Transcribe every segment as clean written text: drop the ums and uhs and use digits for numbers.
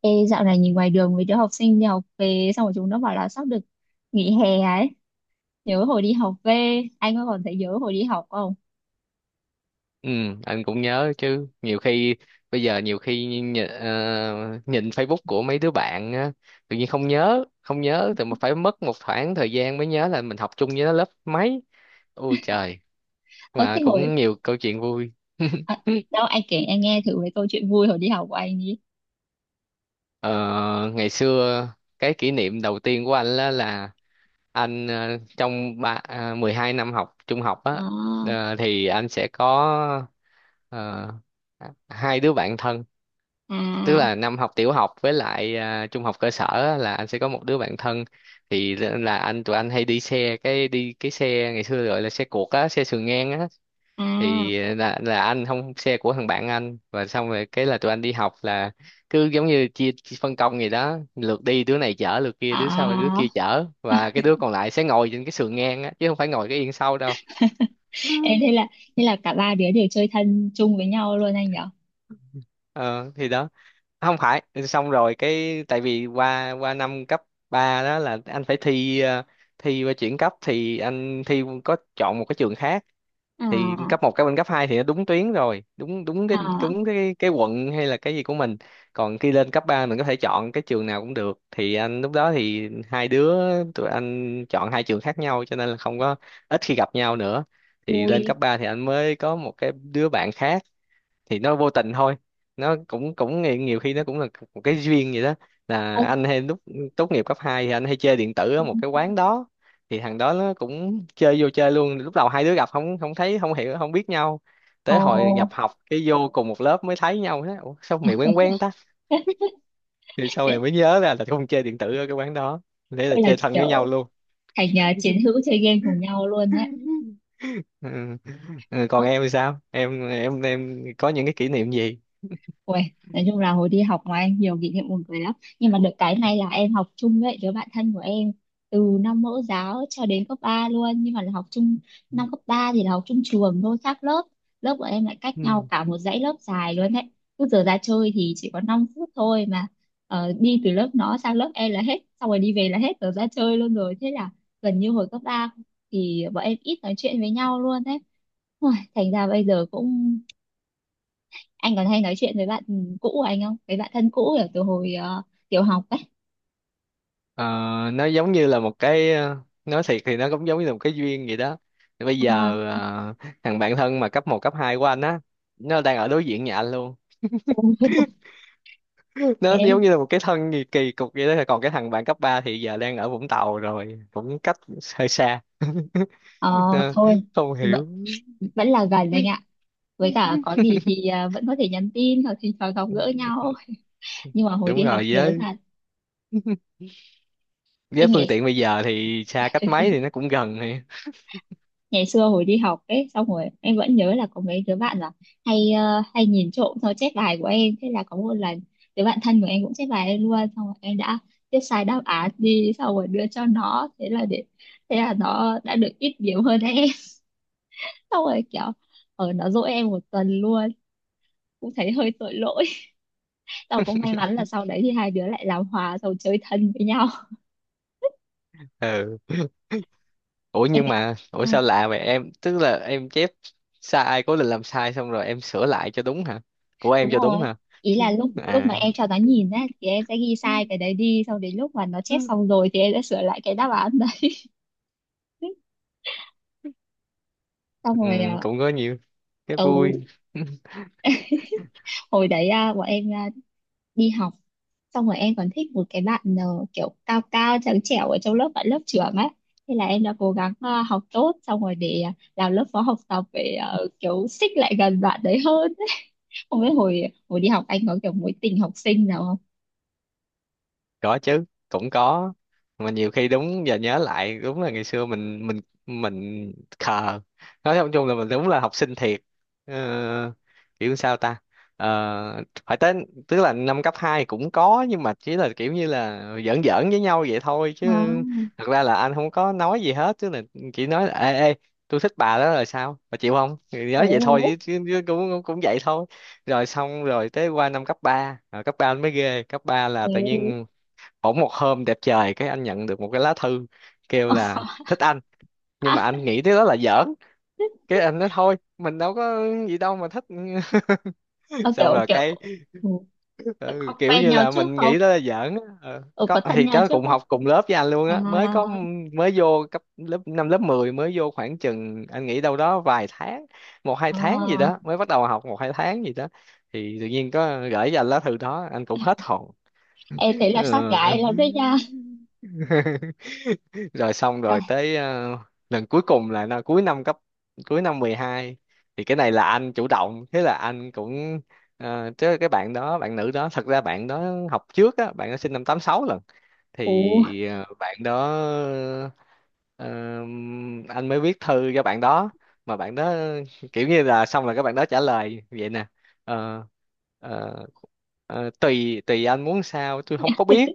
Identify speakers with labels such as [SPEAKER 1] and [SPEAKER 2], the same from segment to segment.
[SPEAKER 1] Ê, dạo này nhìn ngoài đường mấy đứa học sinh đi học về xong rồi chúng nó bảo là sắp được nghỉ hè ấy. Nhớ hồi đi học về, anh có còn thấy nhớ hồi đi học không?
[SPEAKER 2] Ừ, anh cũng nhớ chứ. Nhiều khi bây giờ, nhiều khi nhìn, nhìn Facebook của mấy đứa bạn á, tự nhiên không nhớ thì mà phải mất một khoảng thời gian mới nhớ là mình học chung với nó lớp mấy. Ôi trời,
[SPEAKER 1] ờ
[SPEAKER 2] mà
[SPEAKER 1] thế hồi
[SPEAKER 2] cũng nhiều câu chuyện vui.
[SPEAKER 1] à, Đâu anh kể anh nghe thử về câu chuyện vui hồi đi học của anh đi.
[SPEAKER 2] Ờ, ngày xưa cái kỷ niệm đầu tiên của anh là anh, trong 12 năm học trung học á.
[SPEAKER 1] À,
[SPEAKER 2] Thì anh sẽ có, ờ, hai đứa bạn thân. Tức
[SPEAKER 1] à,
[SPEAKER 2] là năm học tiểu học với lại trung học cơ sở á, là anh sẽ có một đứa bạn thân. Thì là anh Tụi anh hay đi cái xe ngày xưa gọi là xe cuộc á, xe sườn ngang á.
[SPEAKER 1] à,
[SPEAKER 2] Thì là là anh không, xe của thằng bạn anh, và xong rồi cái là tụi anh đi học là cứ giống như chia, phân công gì đó, lượt đi đứa này chở, lượt kia đứa sau đứa
[SPEAKER 1] à.
[SPEAKER 2] kia chở, và cái đứa còn lại sẽ ngồi trên cái sườn ngang á chứ không phải ngồi cái yên sau đâu. Ừ.
[SPEAKER 1] Ê, thế là cả ba đứa đều chơi thân chung với nhau luôn, anh nhỉ?
[SPEAKER 2] Ờ thì đó, không phải. Xong rồi cái tại vì qua qua năm cấp 3 đó là anh phải thi, thi qua chuyển cấp, thì anh thi có chọn một cái trường khác. Thì cấp
[SPEAKER 1] À,
[SPEAKER 2] một, cấp bên cấp 2 thì nó đúng tuyến rồi, đúng
[SPEAKER 1] à,
[SPEAKER 2] đúng cái quận hay là cái gì của mình. Còn khi lên cấp 3 mình có thể chọn cái trường nào cũng được, thì anh lúc đó thì hai đứa tụi anh chọn hai trường khác nhau cho nên là không có, ít khi gặp nhau nữa. Thì lên cấp
[SPEAKER 1] vui.
[SPEAKER 2] 3 thì anh mới có một cái đứa bạn khác, thì nó vô tình thôi. Nó cũng cũng nghĩ- nhiều khi nó cũng là một cái duyên vậy đó. Là
[SPEAKER 1] Ơ,
[SPEAKER 2] anh hay lúc tốt nghiệp cấp 2 thì anh hay chơi điện tử ở một cái quán đó, thì thằng đó nó cũng chơi vô chơi luôn. Lúc đầu hai đứa gặp không không thấy, không hiểu không biết nhau.
[SPEAKER 1] ồ.
[SPEAKER 2] Tới hồi nhập học cái vô cùng một lớp mới thấy nhau, nói: "Ủa, sao mày quen quen ta?" Thì sau này
[SPEAKER 1] Thế
[SPEAKER 2] mới nhớ ra là không, chơi điện tử ở cái quán đó. Thế là
[SPEAKER 1] là
[SPEAKER 2] chơi thân với nhau
[SPEAKER 1] kiểu
[SPEAKER 2] luôn.
[SPEAKER 1] thành à, chiến hữu chơi game cùng nhau luôn đấy.
[SPEAKER 2] Ừ. Ừ, còn em thì sao, em có những cái kỷ niệm gì.
[SPEAKER 1] Ui, nói chung là hồi đi học ngoài anh nhiều kỷ niệm buồn cười lắm. Nhưng mà được cái này là em học chung với đứa bạn thân của em từ năm mẫu giáo cho đến cấp 3 luôn. Nhưng mà là học chung, năm cấp 3 thì là học chung trường thôi, khác lớp Lớp của em lại cách nhau
[SPEAKER 2] Ừ.
[SPEAKER 1] cả một dãy lớp dài luôn đấy. Cứ giờ ra chơi thì chỉ có 5 phút thôi mà, đi từ lớp nó sang lớp em là hết, xong rồi đi về là hết giờ ra chơi luôn rồi. Thế là gần như hồi cấp 3 thì bọn em ít nói chuyện với nhau luôn đấy. Ui, thành ra bây giờ cũng, anh còn hay nói chuyện với bạn cũ của anh không, với bạn thân cũ ở từ hồi tiểu học ấy?
[SPEAKER 2] Ờ, nó giống như là một cái, nói thiệt thì nó cũng giống như là một cái duyên vậy đó. Thì bây giờ,
[SPEAKER 1] À.
[SPEAKER 2] ờ, thằng bạn thân mà cấp một cấp 2 của anh á, nó đang ở đối diện nhà anh luôn. Nó
[SPEAKER 1] Thế,
[SPEAKER 2] giống như là một cái thân kỳ kỳ cục vậy đó. Còn cái thằng bạn cấp 3 thì giờ đang ở Vũng Tàu rồi, cũng cách hơi xa.
[SPEAKER 1] ờ,
[SPEAKER 2] Ờ,
[SPEAKER 1] thôi,
[SPEAKER 2] không
[SPEAKER 1] vẫn
[SPEAKER 2] hiểu.
[SPEAKER 1] vẫn là gần anh ạ. Với cả có gì thì vẫn có thể nhắn tin hoặc thì thoảng gặp gỡ nhau. Nhưng mà hồi
[SPEAKER 2] Đúng
[SPEAKER 1] đi học
[SPEAKER 2] rồi,
[SPEAKER 1] nhớ thật.
[SPEAKER 2] với
[SPEAKER 1] Em
[SPEAKER 2] phương
[SPEAKER 1] nghĩ
[SPEAKER 2] tiện bây giờ thì xa cách mấy thì nó cũng gần thì.
[SPEAKER 1] ngày xưa hồi đi học ấy, xong rồi em vẫn nhớ là có mấy đứa bạn là hay nhìn trộm sao chép bài của em. Thế là có một lần đứa bạn thân của em cũng chép bài em luôn, xong rồi em đã viết sai đáp án đi xong rồi đưa cho nó. Thế là nó đã được ít điểm hơn em. Xong rồi kiểu, ở nó dỗi em 1 tuần luôn, cũng thấy hơi tội lỗi. Tao cũng may mắn là sau đấy thì hai đứa lại làm hòa rồi chơi thân với nhau.
[SPEAKER 2] Ừ, ủa
[SPEAKER 1] Em
[SPEAKER 2] nhưng mà ủa sao
[SPEAKER 1] ạ,
[SPEAKER 2] lạ vậy em, tức là em chép sai, cố định làm sai xong rồi em sửa lại cho đúng hả? Của em
[SPEAKER 1] đúng
[SPEAKER 2] cho đúng
[SPEAKER 1] rồi.
[SPEAKER 2] hả?
[SPEAKER 1] Ý
[SPEAKER 2] Chứ-,
[SPEAKER 1] là lúc lúc mà
[SPEAKER 2] à,
[SPEAKER 1] em cho nó nhìn á thì em sẽ ghi sai cái đấy đi, xong đến lúc mà nó chép
[SPEAKER 2] ừ,
[SPEAKER 1] xong rồi thì em sẽ sửa lại cái đáp án đấy. Xong rồi à,
[SPEAKER 2] cũng có nhiều cái
[SPEAKER 1] ừ,
[SPEAKER 2] vui.
[SPEAKER 1] hồi đấy à, bọn em à, đi học, xong rồi em còn thích một cái bạn kiểu cao cao trắng trẻo ở trong lớp, bạn lớp trưởng á. Thế là em đã cố gắng học tốt xong rồi để làm lớp phó học tập, để kiểu xích lại gần bạn đấy hơn. Không biết hồi hồi đi học anh có kiểu mối tình học sinh nào không?
[SPEAKER 2] Có chứ, cũng có, mà nhiều khi đúng giờ nhớ lại đúng là ngày xưa mình khờ, nói chung chung là mình đúng là học sinh thiệt. ờ, Kiểu sao ta. Ờ, phải tới, tức là năm cấp 2 cũng có nhưng mà chỉ là kiểu như là giỡn giỡn với nhau vậy thôi chứ,
[SPEAKER 1] À,
[SPEAKER 2] thật ra là anh không có nói gì hết chứ. Là chỉ nói là ê ê, tôi thích bà đó rồi sao bà chịu không. Thì nói vậy thôi,
[SPEAKER 1] ồ,
[SPEAKER 2] chứ cũng cũng vậy thôi. Rồi xong rồi tới, qua năm cấp ba, anh mới ghê cấp 3 là
[SPEAKER 1] ồ.
[SPEAKER 2] tự nhiên bỗng một hôm đẹp trời cái anh nhận được một cái lá thư kêu là thích anh. Nhưng mà anh nghĩ cái đó là giỡn, cái anh nói thôi mình đâu có gì đâu mà thích.
[SPEAKER 1] Ờ,
[SPEAKER 2] Xong
[SPEAKER 1] kiểu
[SPEAKER 2] rồi
[SPEAKER 1] kiểu
[SPEAKER 2] cái,
[SPEAKER 1] ừ,
[SPEAKER 2] ừ,
[SPEAKER 1] có
[SPEAKER 2] kiểu
[SPEAKER 1] quen
[SPEAKER 2] như
[SPEAKER 1] nhau
[SPEAKER 2] là
[SPEAKER 1] trước
[SPEAKER 2] mình
[SPEAKER 1] không?
[SPEAKER 2] nghĩ đó là giỡn á. Ờ,
[SPEAKER 1] Ừ,
[SPEAKER 2] có
[SPEAKER 1] có thân
[SPEAKER 2] thì
[SPEAKER 1] nhau
[SPEAKER 2] đó,
[SPEAKER 1] trước
[SPEAKER 2] cùng
[SPEAKER 1] không?
[SPEAKER 2] học cùng lớp với anh luôn
[SPEAKER 1] À,
[SPEAKER 2] á mới có. Mới vô cấp, lớp năm, lớp 10 mới vô khoảng chừng, anh nghĩ đâu đó vài tháng, một hai tháng gì
[SPEAKER 1] à.
[SPEAKER 2] đó, mới bắt đầu học một hai tháng gì đó thì tự nhiên có gửi cho anh lá thư đó, anh cũng hết hồn.
[SPEAKER 1] Ê, thế là sát gái
[SPEAKER 2] Ừ.
[SPEAKER 1] lắm đấy nha.
[SPEAKER 2] Rồi xong
[SPEAKER 1] À,
[SPEAKER 2] rồi tới, lần cuối cùng là nó cuối năm cấp, cuối năm 12 thì cái này là anh chủ động. Thế là anh cũng, chứ cái bạn đó, bạn nữ đó, thật ra bạn đó học trước á, bạn đó sinh năm 86 lần.
[SPEAKER 1] ủa,
[SPEAKER 2] Thì bạn đó, ờ, anh mới viết thư cho bạn đó, mà bạn đó kiểu như là, xong là các bạn đó trả lời vậy nè: "Ờ, ờ, tùy tùy anh muốn sao, tôi không có biết."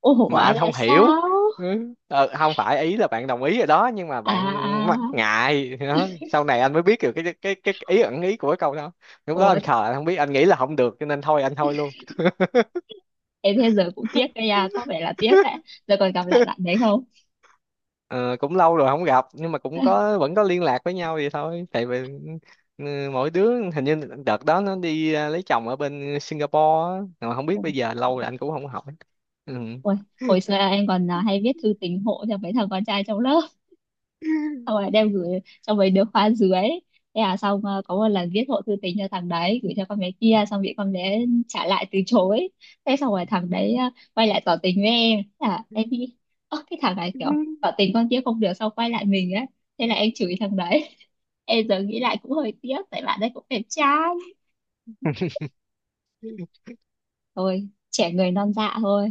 [SPEAKER 1] ủa
[SPEAKER 2] Mà anh
[SPEAKER 1] là
[SPEAKER 2] không hiểu.
[SPEAKER 1] sao?
[SPEAKER 2] Ừ. Ờ, không phải, ý là bạn đồng ý rồi đó nhưng mà
[SPEAKER 1] À,
[SPEAKER 2] bạn mắc
[SPEAKER 1] à,
[SPEAKER 2] ngại đó. Sau này anh mới biết được cái ý, ẩn ý của cái câu đó. Lúc đó
[SPEAKER 1] ủa,
[SPEAKER 2] anh khờ, anh không biết, anh nghĩ là không được cho nên thôi anh thôi luôn.
[SPEAKER 1] em thế giờ cũng tiếc đấy nha, có vẻ là tiếc đấy. Giờ còn gặp lại bạn đấy không?
[SPEAKER 2] Ờ, cũng lâu rồi không gặp nhưng mà cũng có, vẫn có liên lạc với nhau vậy thôi. Tại vì ừ, mỗi đứa hình như đợt đó nó đi, lấy chồng ở bên Singapore á. Mà không biết bây giờ, lâu rồi anh cũng không hỏi. Ừ.
[SPEAKER 1] Ủa, hồi xưa em còn à, hay viết thư tình hộ cho mấy thằng con trai trong lớp. Xong rồi đem gửi cho mấy đứa khóa dưới. Thế là xong, có một lần viết hộ thư tình cho thằng đấy gửi cho con bé kia, xong bị con bé trả lại từ chối. Thế xong rồi thằng đấy quay lại tỏ tình với em. Thế là em nghĩ, ơ cái thằng này kiểu tỏ tình con kia không được xong quay lại mình ấy. Thế là em chửi thằng đấy. Em giờ nghĩ lại cũng hơi tiếc, tại bạn đấy cũng đẹp trai. Thôi, trẻ người non dạ thôi,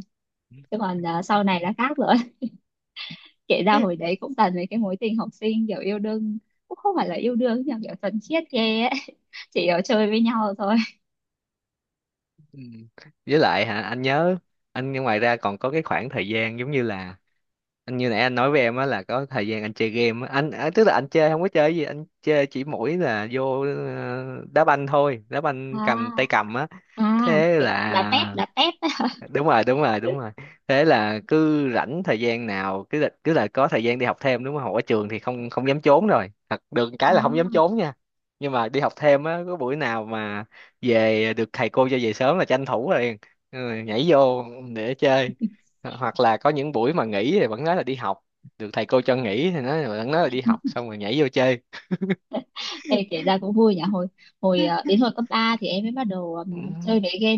[SPEAKER 1] chứ còn sau này là khác rồi. Kể ra hồi đấy cũng toàn mấy cái mối tình học sinh, kiểu yêu đương cũng không phải là yêu đương, nhưng mà kiểu thuần khiết ghê ấy. Chỉ kiểu chơi với nhau thôi.
[SPEAKER 2] Ừ. Với lại hả, anh nhớ anh ngoài ra còn có cái khoảng thời gian giống như là anh như nãy anh nói với em á, là có thời gian anh chơi game á. Anh, tức là anh chơi, không có chơi gì, anh chơi chỉ mỗi là vô, đá banh thôi, đá banh cầm tay
[SPEAKER 1] À,
[SPEAKER 2] cầm á.
[SPEAKER 1] à,
[SPEAKER 2] Thế
[SPEAKER 1] kiểu đá tép,
[SPEAKER 2] là
[SPEAKER 1] đá tép.
[SPEAKER 2] đúng rồi đúng rồi đúng rồi. Thế là cứ rảnh thời gian nào, cứ là có thời gian đi học thêm, đúng không, học ở trường thì không không dám trốn rồi, thật được cái là
[SPEAKER 1] À,
[SPEAKER 2] không dám trốn nha. Nhưng mà đi học thêm á, có buổi nào mà về được, thầy cô cho về sớm là tranh thủ liền. Ừ, nhảy vô để chơi. Ờ, hoặc là có những buổi mà nghỉ thì vẫn nói là đi học, được thầy cô cho nghỉ thì vẫn nói là đi học xong rồi nhảy vô chơi.
[SPEAKER 1] ê, kể ra cũng vui nhỉ hồi hồi ờ, đến hồi cấp 3 thì em mới bắt đầu
[SPEAKER 2] Ừ,
[SPEAKER 1] chơi mấy game,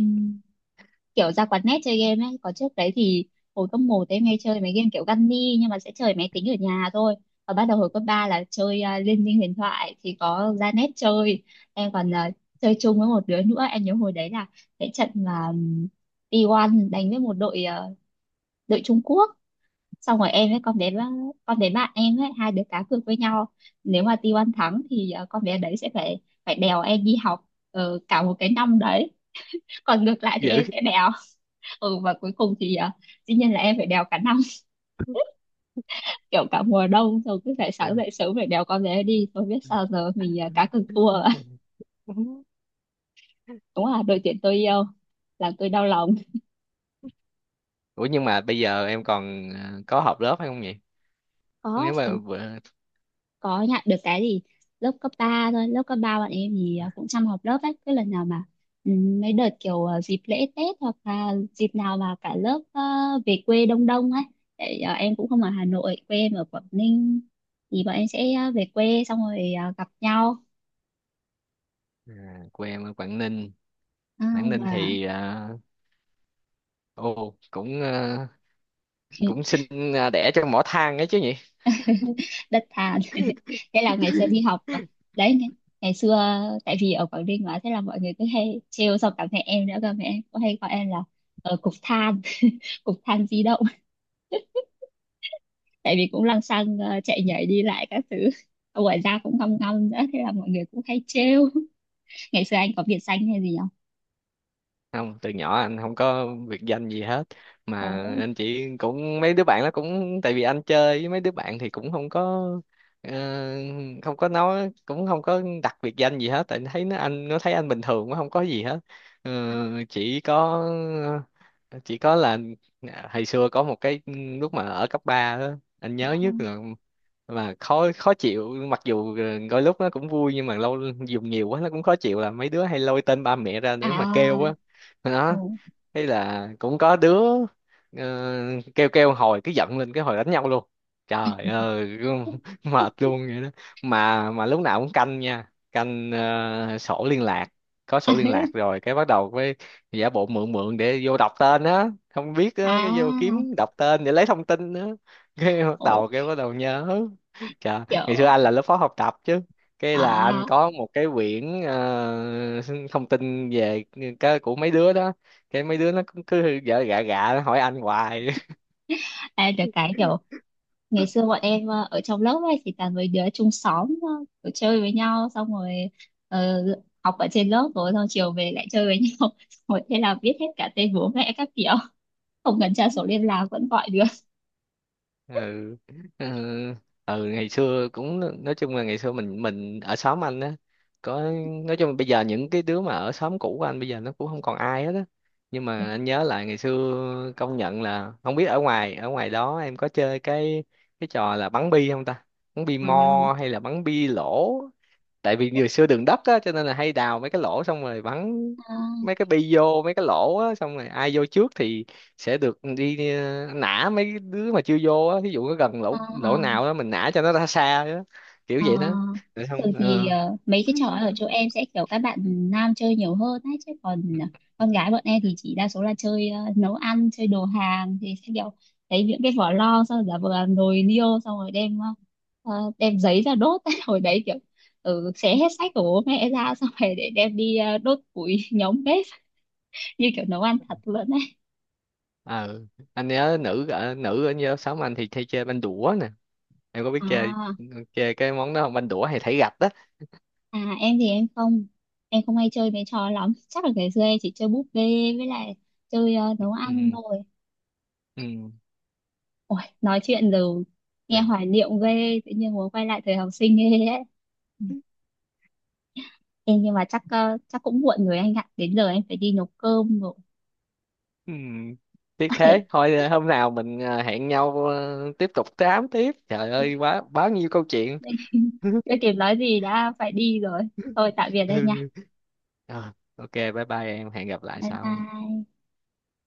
[SPEAKER 1] kiểu ra quán net chơi game ấy. Có trước đấy thì hồi cấp một em hay chơi mấy game kiểu Gunny, nhưng mà sẽ chơi máy tính ở nhà thôi. Và bắt đầu hồi cấp 3 là chơi à, Liên minh huyền thoại thì có ra net chơi. Em còn à, chơi chung với một đứa nữa. Em nhớ hồi đấy là cái trận mà T1 đánh với một đội à, đội Trung Quốc. Xong rồi em với con bé bạn em ấy, hai đứa cá cược với nhau. Nếu mà T1 thắng thì à, con bé đấy sẽ phải phải đèo em đi học cả một cái năm đấy. Còn ngược lại thì
[SPEAKER 2] dữ.
[SPEAKER 1] em sẽ đèo. Ừ, và cuối cùng thì à, dĩ nhiên là em phải đèo cả năm. Kiểu cả mùa đông rồi cứ phải
[SPEAKER 2] Ờ.
[SPEAKER 1] sáng dậy sớm phải đèo con bé đi. Tôi biết sao giờ, mình à, cá cược thua. Ạ. Đúng là đội tuyển tôi yêu làm tôi đau lòng.
[SPEAKER 2] Ủa nhưng mà bây giờ em còn, có học lớp hay không nhỉ?
[SPEAKER 1] Có
[SPEAKER 2] Nếu mà
[SPEAKER 1] thì có nhận được cái gì. Lớp cấp 3 thôi, lớp cấp 3 bọn em thì à, cũng chăm học, lớp ấy cứ lần nào mà, ừ, mấy đợt kiểu à, dịp lễ Tết hoặc là dịp nào mà cả lớp à, về quê đông đông ấy. Để à, em cũng không ở Hà Nội, quê em ở Quảng Ninh. Thì bọn em sẽ à, về quê xong rồi à, gặp nhau.
[SPEAKER 2] quê em ở Quảng Ninh.
[SPEAKER 1] À,
[SPEAKER 2] Quảng Ninh
[SPEAKER 1] và.
[SPEAKER 2] thì ô, cũng cũng sinh, à, đẻ trong mỏ than ấy chứ nhỉ.
[SPEAKER 1] Đất than. Thế là ngày xưa đi học à, đấy ngày xưa, tại vì ở Quảng Ninh mà thế là mọi người cứ hay trêu, xong cả mẹ em nữa cơ, mẹ em cũng hay gọi em là ở cục than. Cục than di động. Tại vì cũng lăng xăng chạy nhảy đi lại các thứ, ngoài ra cũng ngâm ngâm nữa, thế là mọi người cũng hay trêu. Ngày xưa anh có biệt danh hay gì không?
[SPEAKER 2] Không, từ nhỏ anh không có biệt danh gì hết. Mà
[SPEAKER 1] Ồ,
[SPEAKER 2] anh chỉ, cũng mấy đứa bạn nó cũng, tại vì anh chơi với mấy đứa bạn thì cũng không có, ờ, không có nói, cũng không có đặt biệt danh gì hết, tại thấy nó, anh nó thấy anh bình thường quá không có gì hết. Ờ, chỉ có, là hồi xưa có một cái lúc mà ở cấp ba đó, anh nhớ nhất là, mà khó khó chịu mặc dù đôi lúc nó cũng vui nhưng mà lâu dùng nhiều quá nó cũng khó chịu, là mấy đứa hay lôi tên ba mẹ ra để mà kêu á.
[SPEAKER 1] à, ồ.
[SPEAKER 2] Đó, hay là cũng có đứa, ờ, kêu kêu hồi cứ giận lên cái hồi đánh nhau luôn. Trời ơi. Mệt luôn vậy đó. Mà lúc nào cũng canh nha, canh sổ liên lạc. Có
[SPEAKER 1] À,
[SPEAKER 2] sổ liên lạc rồi cái bắt đầu với giả bộ mượn mượn để vô đọc tên á, không biết á, cái vô
[SPEAKER 1] à,
[SPEAKER 2] kiếm đọc tên để lấy thông tin á. Cái bắt
[SPEAKER 1] ồ,
[SPEAKER 2] đầu, cái bắt đầu nhớ. Trời, ngày xưa
[SPEAKER 1] kiểu,
[SPEAKER 2] anh là lớp phó học tập chứ, cái là anh
[SPEAKER 1] à,
[SPEAKER 2] có một cái quyển, thông tin về cái của mấy đứa đó. Cái mấy đứa nó cũng cứ vợ gạ gạ nó hỏi anh hoài.
[SPEAKER 1] em được cái kiểu, ngày xưa bọn em ở trong lớp ấy thì toàn mấy đứa chung xóm, kiểu chơi với nhau, xong rồi ờ, học ở trên lớp rồi xong chiều về lại chơi với nhau. Rồi thế là biết hết cả tên bố mẹ các kiểu, không cần tra sổ liên lạc vẫn gọi được.
[SPEAKER 2] Ừ. Ừ. Ừ, ngày xưa cũng, nói chung là ngày xưa mình ở xóm anh á, có, nói chung là bây giờ những cái đứa mà ở xóm cũ của anh bây giờ nó cũng không còn ai hết á. Nhưng mà anh nhớ lại ngày xưa công nhận là, không biết ở ngoài đó em có chơi cái trò là bắn bi không ta? Bắn bi
[SPEAKER 1] À,
[SPEAKER 2] mo hay là bắn bi lỗ, tại vì ngày xưa đường đất á cho nên là hay đào mấy cái lỗ xong rồi bắn
[SPEAKER 1] à,
[SPEAKER 2] mấy cái bi vô mấy cái lỗ á, xong rồi ai vô trước thì sẽ được đi, nã mấy đứa mà chưa vô á, ví dụ nó gần
[SPEAKER 1] à,
[SPEAKER 2] lỗ lỗ nào
[SPEAKER 1] à.
[SPEAKER 2] đó mình nã cho nó ra xa đó. Kiểu
[SPEAKER 1] Ờ,
[SPEAKER 2] vậy đó. Được không
[SPEAKER 1] thường thì
[SPEAKER 2] ờ.
[SPEAKER 1] mấy cái trò ở chỗ em sẽ kiểu các bạn nam chơi nhiều hơn ấy, chứ còn con gái bọn em thì chỉ đa số là chơi nấu ăn, chơi đồ hàng thì sẽ kiểu lấy những cái vỏ lo xong giả vờ làm nồi niêu, xong rồi đem đem giấy ra đốt. Hồi đấy kiểu, ừ, xé hết sách của bố mẹ ra xong rồi để đem đi đốt củi. Nhóm bếp. Như kiểu nấu ăn thật luôn ấy.
[SPEAKER 2] Ờ, anh nhớ nữ ở như lớp sáu anh thì hay chơi banh đũa nè, em có biết chơi
[SPEAKER 1] À,
[SPEAKER 2] chơi cái món đó không, banh đũa hay thảy gạch đó.
[SPEAKER 1] à, em thì em không hay chơi mấy trò lắm, chắc là ngày xưa em chỉ chơi búp bê, với lại chơi nấu ăn
[SPEAKER 2] Ừ.
[SPEAKER 1] thôi.
[SPEAKER 2] Ừ.
[SPEAKER 1] Ôi, nói chuyện rồi nghe
[SPEAKER 2] Yeah.
[SPEAKER 1] hoài niệm ghê, tự nhiên muốn quay lại thời học sinh ghê ấy. Ê, nhưng mà chắc cũng muộn rồi anh ạ, đến giờ em phải đi nấu cơm rồi.
[SPEAKER 2] Ừ, tiếc
[SPEAKER 1] Ok,
[SPEAKER 2] thế thôi, hôm nào mình, hẹn nhau, tiếp tục tám tiếp, trời ơi, quá bao nhiêu câu chuyện.
[SPEAKER 1] chưa kịp nói gì đã phải đi rồi. Thôi, tạm biệt anh nha.
[SPEAKER 2] Ừ. Rồi, ok bye bye em, hẹn gặp lại
[SPEAKER 1] Bye
[SPEAKER 2] sau.
[SPEAKER 1] bye.